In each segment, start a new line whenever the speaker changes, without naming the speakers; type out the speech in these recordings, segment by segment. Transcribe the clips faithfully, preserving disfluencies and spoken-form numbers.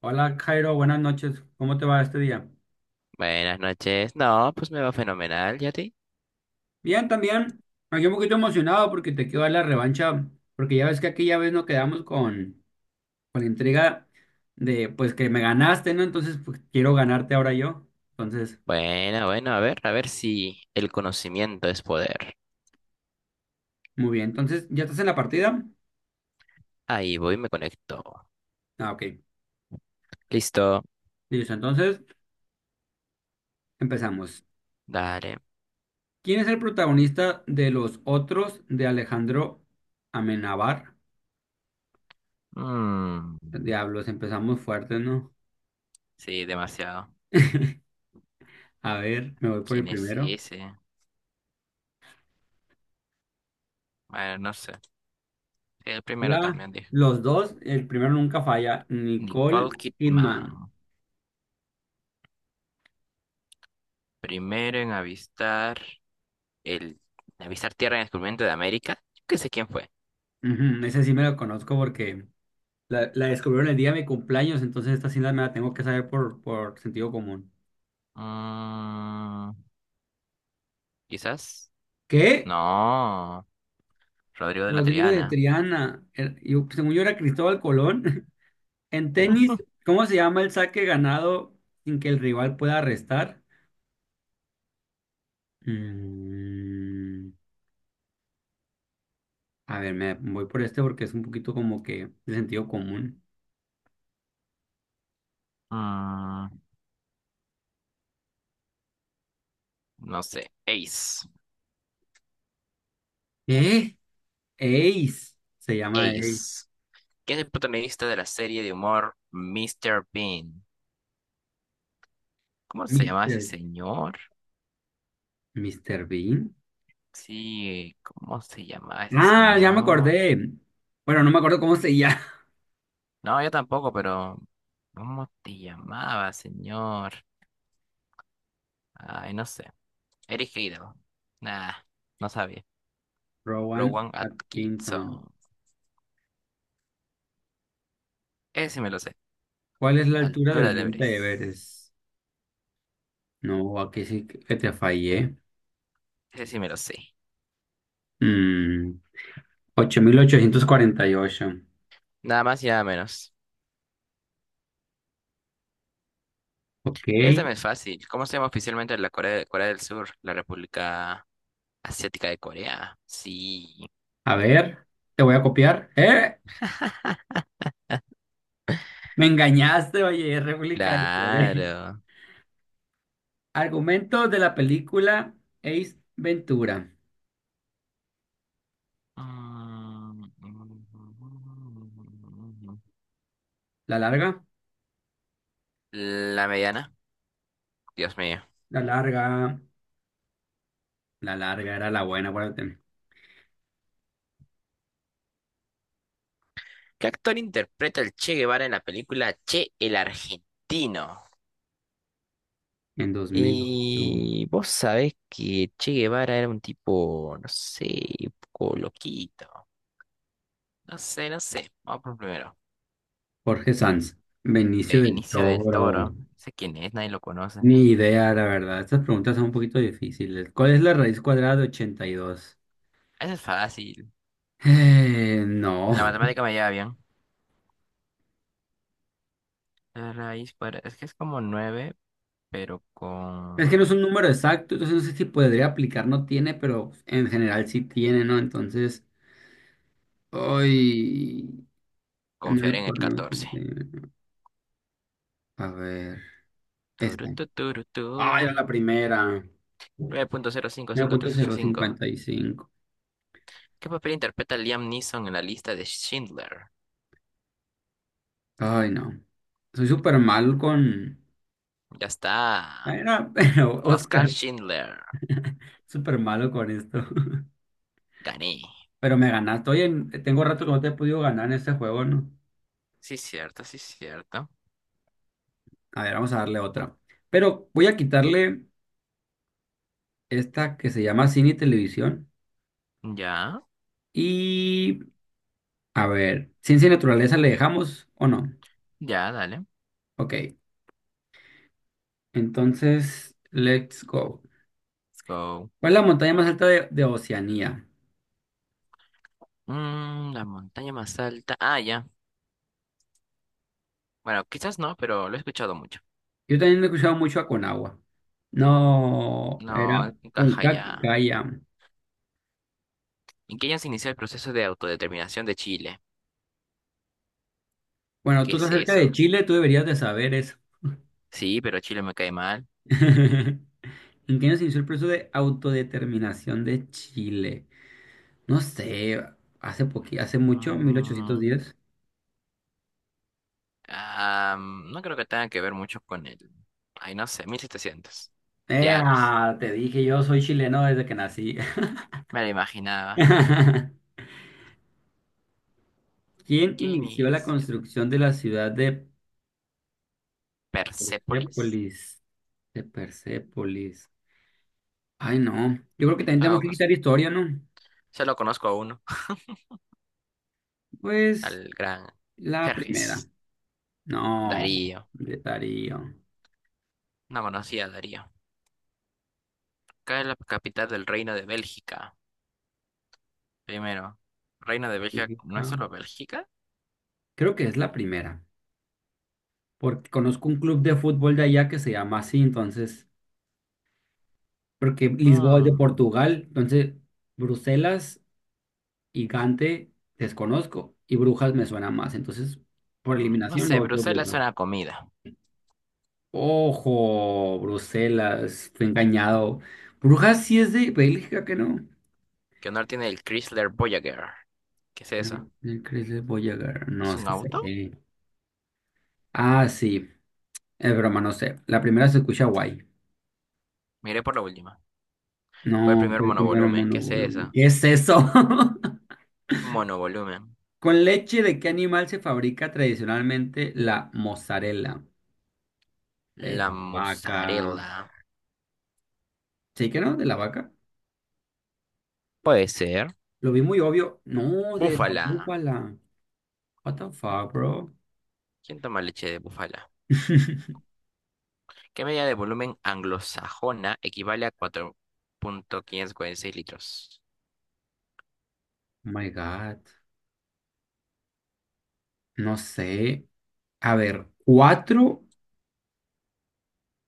Hola Jairo, buenas noches. ¿Cómo te va este día?
Buenas noches. No, pues me va fenomenal, ¿y a ti?
Bien, también. Aquí un poquito emocionado porque te quiero dar la revancha, porque ya ves que aquella vez nos quedamos con, con la intriga de pues que me ganaste, ¿no? Entonces pues, quiero ganarte ahora yo. Entonces,
Bueno, bueno, a ver, a ver si el conocimiento es poder.
muy bien. Entonces, ¿ya estás en la partida?
Ahí voy, me conecto.
Ah, ok.
Listo,
Listo, entonces empezamos.
dale.
¿Quién es el protagonista de Los Otros de Alejandro Amenábar?
Mm,
Diablos, empezamos fuerte, ¿no?
sí, demasiado.
A ver, me voy por el
¿Quién es
primero.
ese? Bueno, no sé. El primero
Ya
también dijo.
los dos, el primero nunca falla,
Nicole
Nicole
Kidman.
Kidman.
Primero en avistar el... en avistar tierra en el descubrimiento de América. Yo qué sé quién fue.
Ujú, ese sí me lo conozco porque la, la descubrieron el día de mi cumpleaños, entonces esta sí la- me la tengo que saber por, por sentido común.
Mm, Quizás.
¿Qué?
No, Rodrigo de la
Rodrigo de
Triana.
Triana. Era- yo- según yo era Cristóbal Colón. En tenis, ¿cómo se llama el saque ganado sin que el rival pueda restar? Mm, a ver, me voy por este porque es un poquito como que de sentido común.
Mm, no sé. Ace.
¿Qué? Ace. Se llama Ace.
Ace. ¿Quién es el protagonista de la serie de humor mister Bean? ¿Cómo se llama ese
Mister,
señor?
míster Bean.
Sí, ¿cómo se llamaba ese
Ah, ya me
señor?
acordé. Bueno, no me acuerdo cómo se llama.
No, yo tampoco, pero ¿cómo te llamaba, señor? Ay, no sé. Eric Idle. Nah, no sabía.
Rowan
Rowan
Atkinson.
Atkinson. Ese sí me lo sé.
¿Cuál es la altura
Altura
del
del
Monte
Everest.
Everest? No, aquí sí que te fallé.
Ese sí me lo sé.
Mm, ocho. Mil ochocientos cuarenta y ocho.
Nada más y nada menos.
Ok.
Esta me es fácil. ¿Cómo se llama oficialmente la Corea, Corea del Sur? La República Asiática de Corea. Sí,
A ver, te voy a copiar. ¡Eh! Me engañaste, oye, es réplica de Corea.
claro.
Argumento de la película Ace Ventura.
Mm.
¿La larga?
La mediana. Dios mío.
La larga. La larga era la buena, acuérdate.
¿Qué actor interpreta el Che Guevara en la película Che el Argentino?
En dos mil ocho.
Y vos sabés que Che Guevara era un tipo, no sé, un poco loquito. No sé, no sé. Vamos por primero.
Jorge Sanz, Benicio del
Benicio del
Toro.
Toro. No sé quién es, nadie lo conoce.
Ni idea, la verdad. Estas preguntas son un poquito difíciles. ¿Cuál es la raíz cuadrada de ochenta y dos?
Eso es fácil.
Eh,
La
no.
matemática me lleva bien. La raíz cuadrada. Es que es como nueve pero
Es
con
que no es un número exacto, entonces no sé si podría aplicar, no tiene, pero en general sí tiene, ¿no? Entonces, hoy... nueve
confiar en el
por nueve,
catorce.
ochenta y uno. A ver,
Turu,
esta.
tu, turu, tu.
¡Ay, era la primera!
nueve punto cero cinco
Nueve
cinco
punto
tres ocho
cero
cinco.
cincuenta y cinco.
¿Qué papel interpreta Liam Neeson en la lista de Schindler?
Ay, no. Soy súper mal con...
Ya está.
era pero
Oscar
Oscar,
Schindler.
súper malo con esto.
Gané.
Pero me ganaste. Oye, en- tengo rato que no te he podido ganar en este juego, ¿no?
Sí, cierto, sí, cierto.
A ver, vamos a darle otra. Pero voy a quitarle esta que se llama cine y televisión.
Ya,
Y a ver, ciencia y naturaleza le dejamos o no.
ya, dale.
Ok, entonces, let's go.
Let's go.
¿Cuál es la montaña más alta de, de Oceanía?
Mm, la montaña más alta. Ah, ya. Bueno, quizás no, pero lo he escuchado mucho.
Yo también he escuchado mucho a Conagua. No, era
No, encaja
Puncac
ya.
Caya.
¿En qué año se inició el proceso de autodeterminación de Chile?
Bueno,
¿Qué
tú
es
estás cerca de
eso?
Chile, tú deberías de saber eso.
Sí, pero Chile me cae mal.
¿En qué año se inició el proceso de autodeterminación de Chile? No sé, hace poqui, hace mucho,
Mm,
mil ochocientos diez.
ah, mm, no creo que tenga que ver mucho con el... Ay, no sé, mil setecientos. Diablos.
¡Ea! Te dije, yo soy chileno desde que nací.
Me lo imaginaba.
¿Quién
¿Qué
inició la
inició?
construcción de la ciudad de
¿Persépolis?
Persépolis? De Persépolis. Ay, no. Yo creo que también tenemos que
Solo,
quitar historia, ¿no?
solo conozco a uno,
Pues
al gran
la primera.
Jerjes.
No,
Darío.
de Darío.
No conocía a Darío. Acá es la capital del Reino de Bélgica. Primero, ¿Reino de Bélgica no es solo Bélgica?
Creo que es la primera, porque conozco un club de fútbol de allá que se llama así, entonces, porque Lisboa es de
Mm.
Portugal, entonces Bruselas y Gante desconozco y Brujas me suena más, entonces por
Mm, No
eliminación me
sé,
voy por
Bruselas es
Brujas.
una comida.
Ojo, Bruselas, fui engañado. Brujas sí es de Bélgica, que no.
¿Qué honor tiene el Chrysler Voyager? ¿Qué es eso?
El Chrysler Voyager, no
¿Es un
sé.
auto?
Ah, sí, es broma, no sé. La primera se escucha guay.
Miré por la última. Fue el
No,
primer
fue el primero
monovolumen. ¿Qué es
mono.
eso?
¿Qué es eso?
Monovolumen.
¿Con leche de qué animal se fabrica tradicionalmente la mozzarella? De
La
la vaca.
mozzarella.
¿Sí que no? ¿De la vaca?
Puede ser.
Lo vi muy obvio. No, de la
Búfala.
búfala. What the fuck, bro?
¿Quién toma leche de búfala? ¿Qué medida de volumen anglosajona equivale a cuatro coma quinientos cuarenta y seis litros?
Oh my God. No sé. A ver, cuatro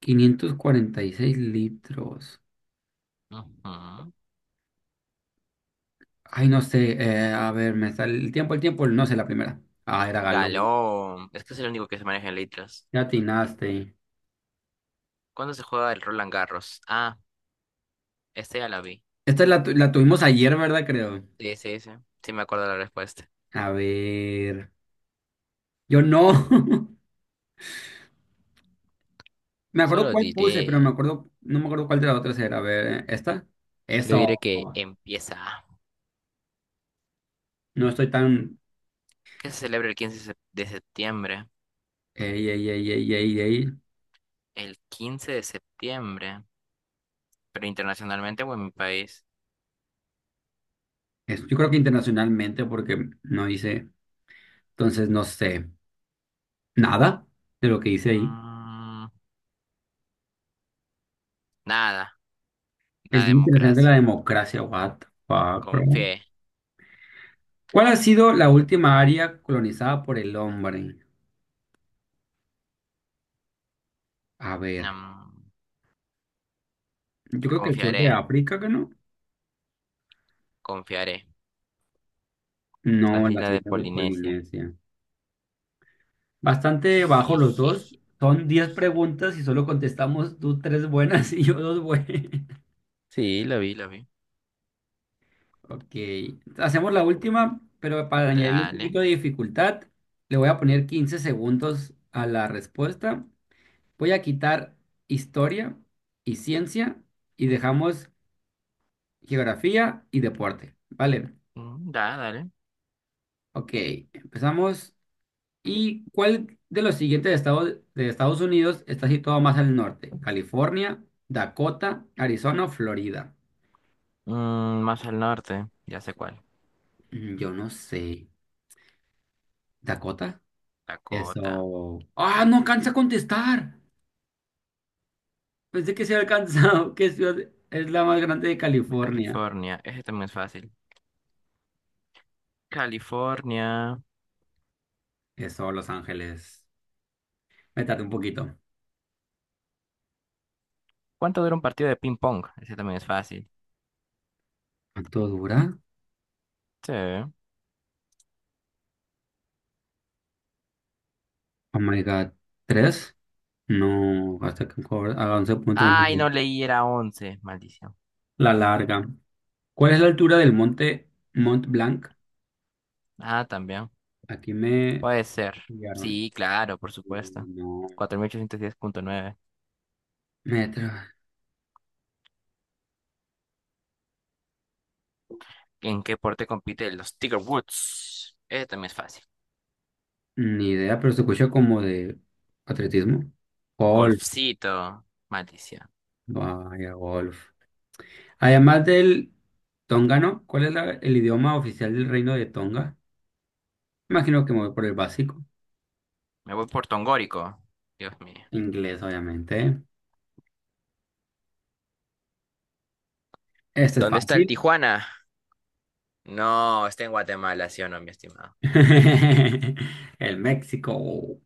quinientos cuarenta y seis litros.
Ujú.
Ay, no sé. eh, a ver, me sale el tiempo, el tiempo. No sé la primera. Ah, era galón.
Galón. Es que es el único que se maneja en litros.
Ya atinaste.
¿Cuándo se juega el Roland Garros? Ah, este ya la vi.
Esta la, tu- la tuvimos ayer, ¿verdad? Creo.
Sí, sí, sí. Sí me acuerdo la respuesta.
A ver. Yo no. Me acuerdo
Solo
cuál puse, pero me
diré,
acuerdo, no me acuerdo cuál de las otras era. A ver, ¿eh? ¿Esta?
yo diré
Eso.
que empieza.
No estoy tan.
¿Qué se celebra el quince sep- de septiembre?
Ey, ey, ey, ey, ey, ey.
El quince de septiembre, pero internacionalmente o en mi país.
Es- Yo creo que internacionalmente, porque no hice. Entonces no sé nada de lo que hice ahí.
Mm, Nada,
El
la
Día Internacional de la
democracia.
Democracia, what the fuck, bro.
Confié,
¿Cuál ha sido la última área colonizada por el hombre? A ver,
mm,
yo creo que el sur de
confiaré,
África, ¿que no?
confiaré. Las
No, las
islas de
islas de
Polinesia.
Polinesia. Bastante bajo los dos.
Jijiji.
Son diez preguntas y solo contestamos tú tres buenas y yo dos buenas.
Sí, lo vi, lo vi.
Ok. Hacemos la última, pero para añadirle un
Dale,
poquito de dificultad, le voy a poner quince segundos a la respuesta. Voy a quitar historia y ciencia y dejamos geografía y deporte. Vale.
mm, da, dale.
Ok. Empezamos. ¿Y cuál de los siguientes estados de Estados Unidos está situado más al norte? California, Dakota, Arizona o Florida.
Mm, más al norte, ya sé cuál.
Mm, Yo no sé. ¿Dakota?
Dakota.
Eso. ¡Ah, no alcanza a contestar! Pensé que se había alcanzado. ¿Qué ciudad es la más grande de California?
California, ese también es fácil. California.
Eso, Los Ángeles. Me tardé un poquito.
¿Cuánto dura un partido de ping pong? Ese también es fácil.
¿Cuánto dura?
Sí.
Oh my God. ¿Tres? No, hasta que cobra. A once punto
Ay, no
uno.
leí, era once, maldición.
La larga. ¿Cuál es la altura del monte Mont Blanc?
Ah, también.
Aquí me
Puede ser.
enviaron.
Sí, claro, por supuesto.
No,
Cuatro mil ochocientos diez punto nueve.
metro.
¿En qué deporte compiten los Tiger Woods? Ese también es fácil.
Ni idea, pero se escucha como de atletismo. Golf.
Golfcito, maldición.
Vaya, golf. Además del tongano, ¿cuál es la- el idioma oficial del reino de Tonga? Imagino que me voy por el básico.
Me voy por Tongórico. Dios mío.
Inglés, obviamente. Este es
¿Dónde está el
fácil.
Tijuana? No, está en Guatemala, sí o no, mi estimado.
El México.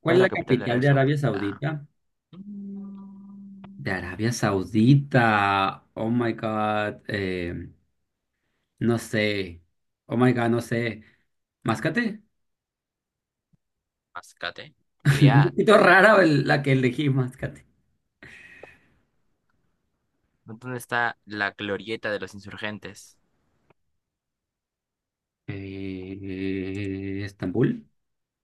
¿Cuál
¿Cuál es
es la
la capital de
capital
Arabia
de Arabia
Saudita?
Saudita? De
Mm,
Arabia Saudita. Oh my God. eh, no sé. Oh my God, no sé. Máscate.
Mascate.
Un
Riad.
poquito rara el- la que elegí, Máscate.
¿Dónde está la glorieta de los insurgentes?
Eh, Estambul.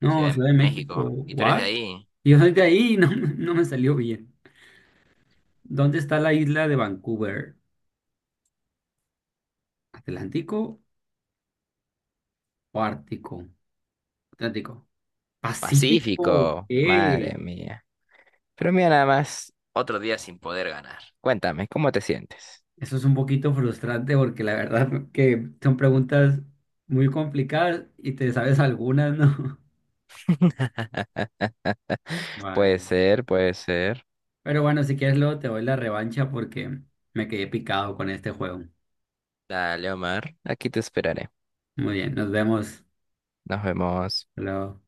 No,
Ciudad de
Ciudad de México.
México. Y tú eres de
¿What?
ahí.
Yo soy de ahí y no, me- no me salió bien. ¿Dónde está la isla de Vancouver? ¿Atlántico o Ártico? Atlántico. Pacífico.
Pacífico,
¿Qué?
madre mía. Pero mira nada más, otro día sin poder ganar. Cuéntame, ¿cómo te sientes?
Eso es un poquito frustrante porque la verdad que son preguntas muy complicadas y te sabes algunas, ¿no?
Puede
Guay.
ser, puede ser.
Pero bueno, si quieres luego te doy la revancha porque me quedé picado con este juego.
Dale, Omar. Aquí te esperaré.
Muy bien, nos vemos.
Nos vemos.
Hasta Luego.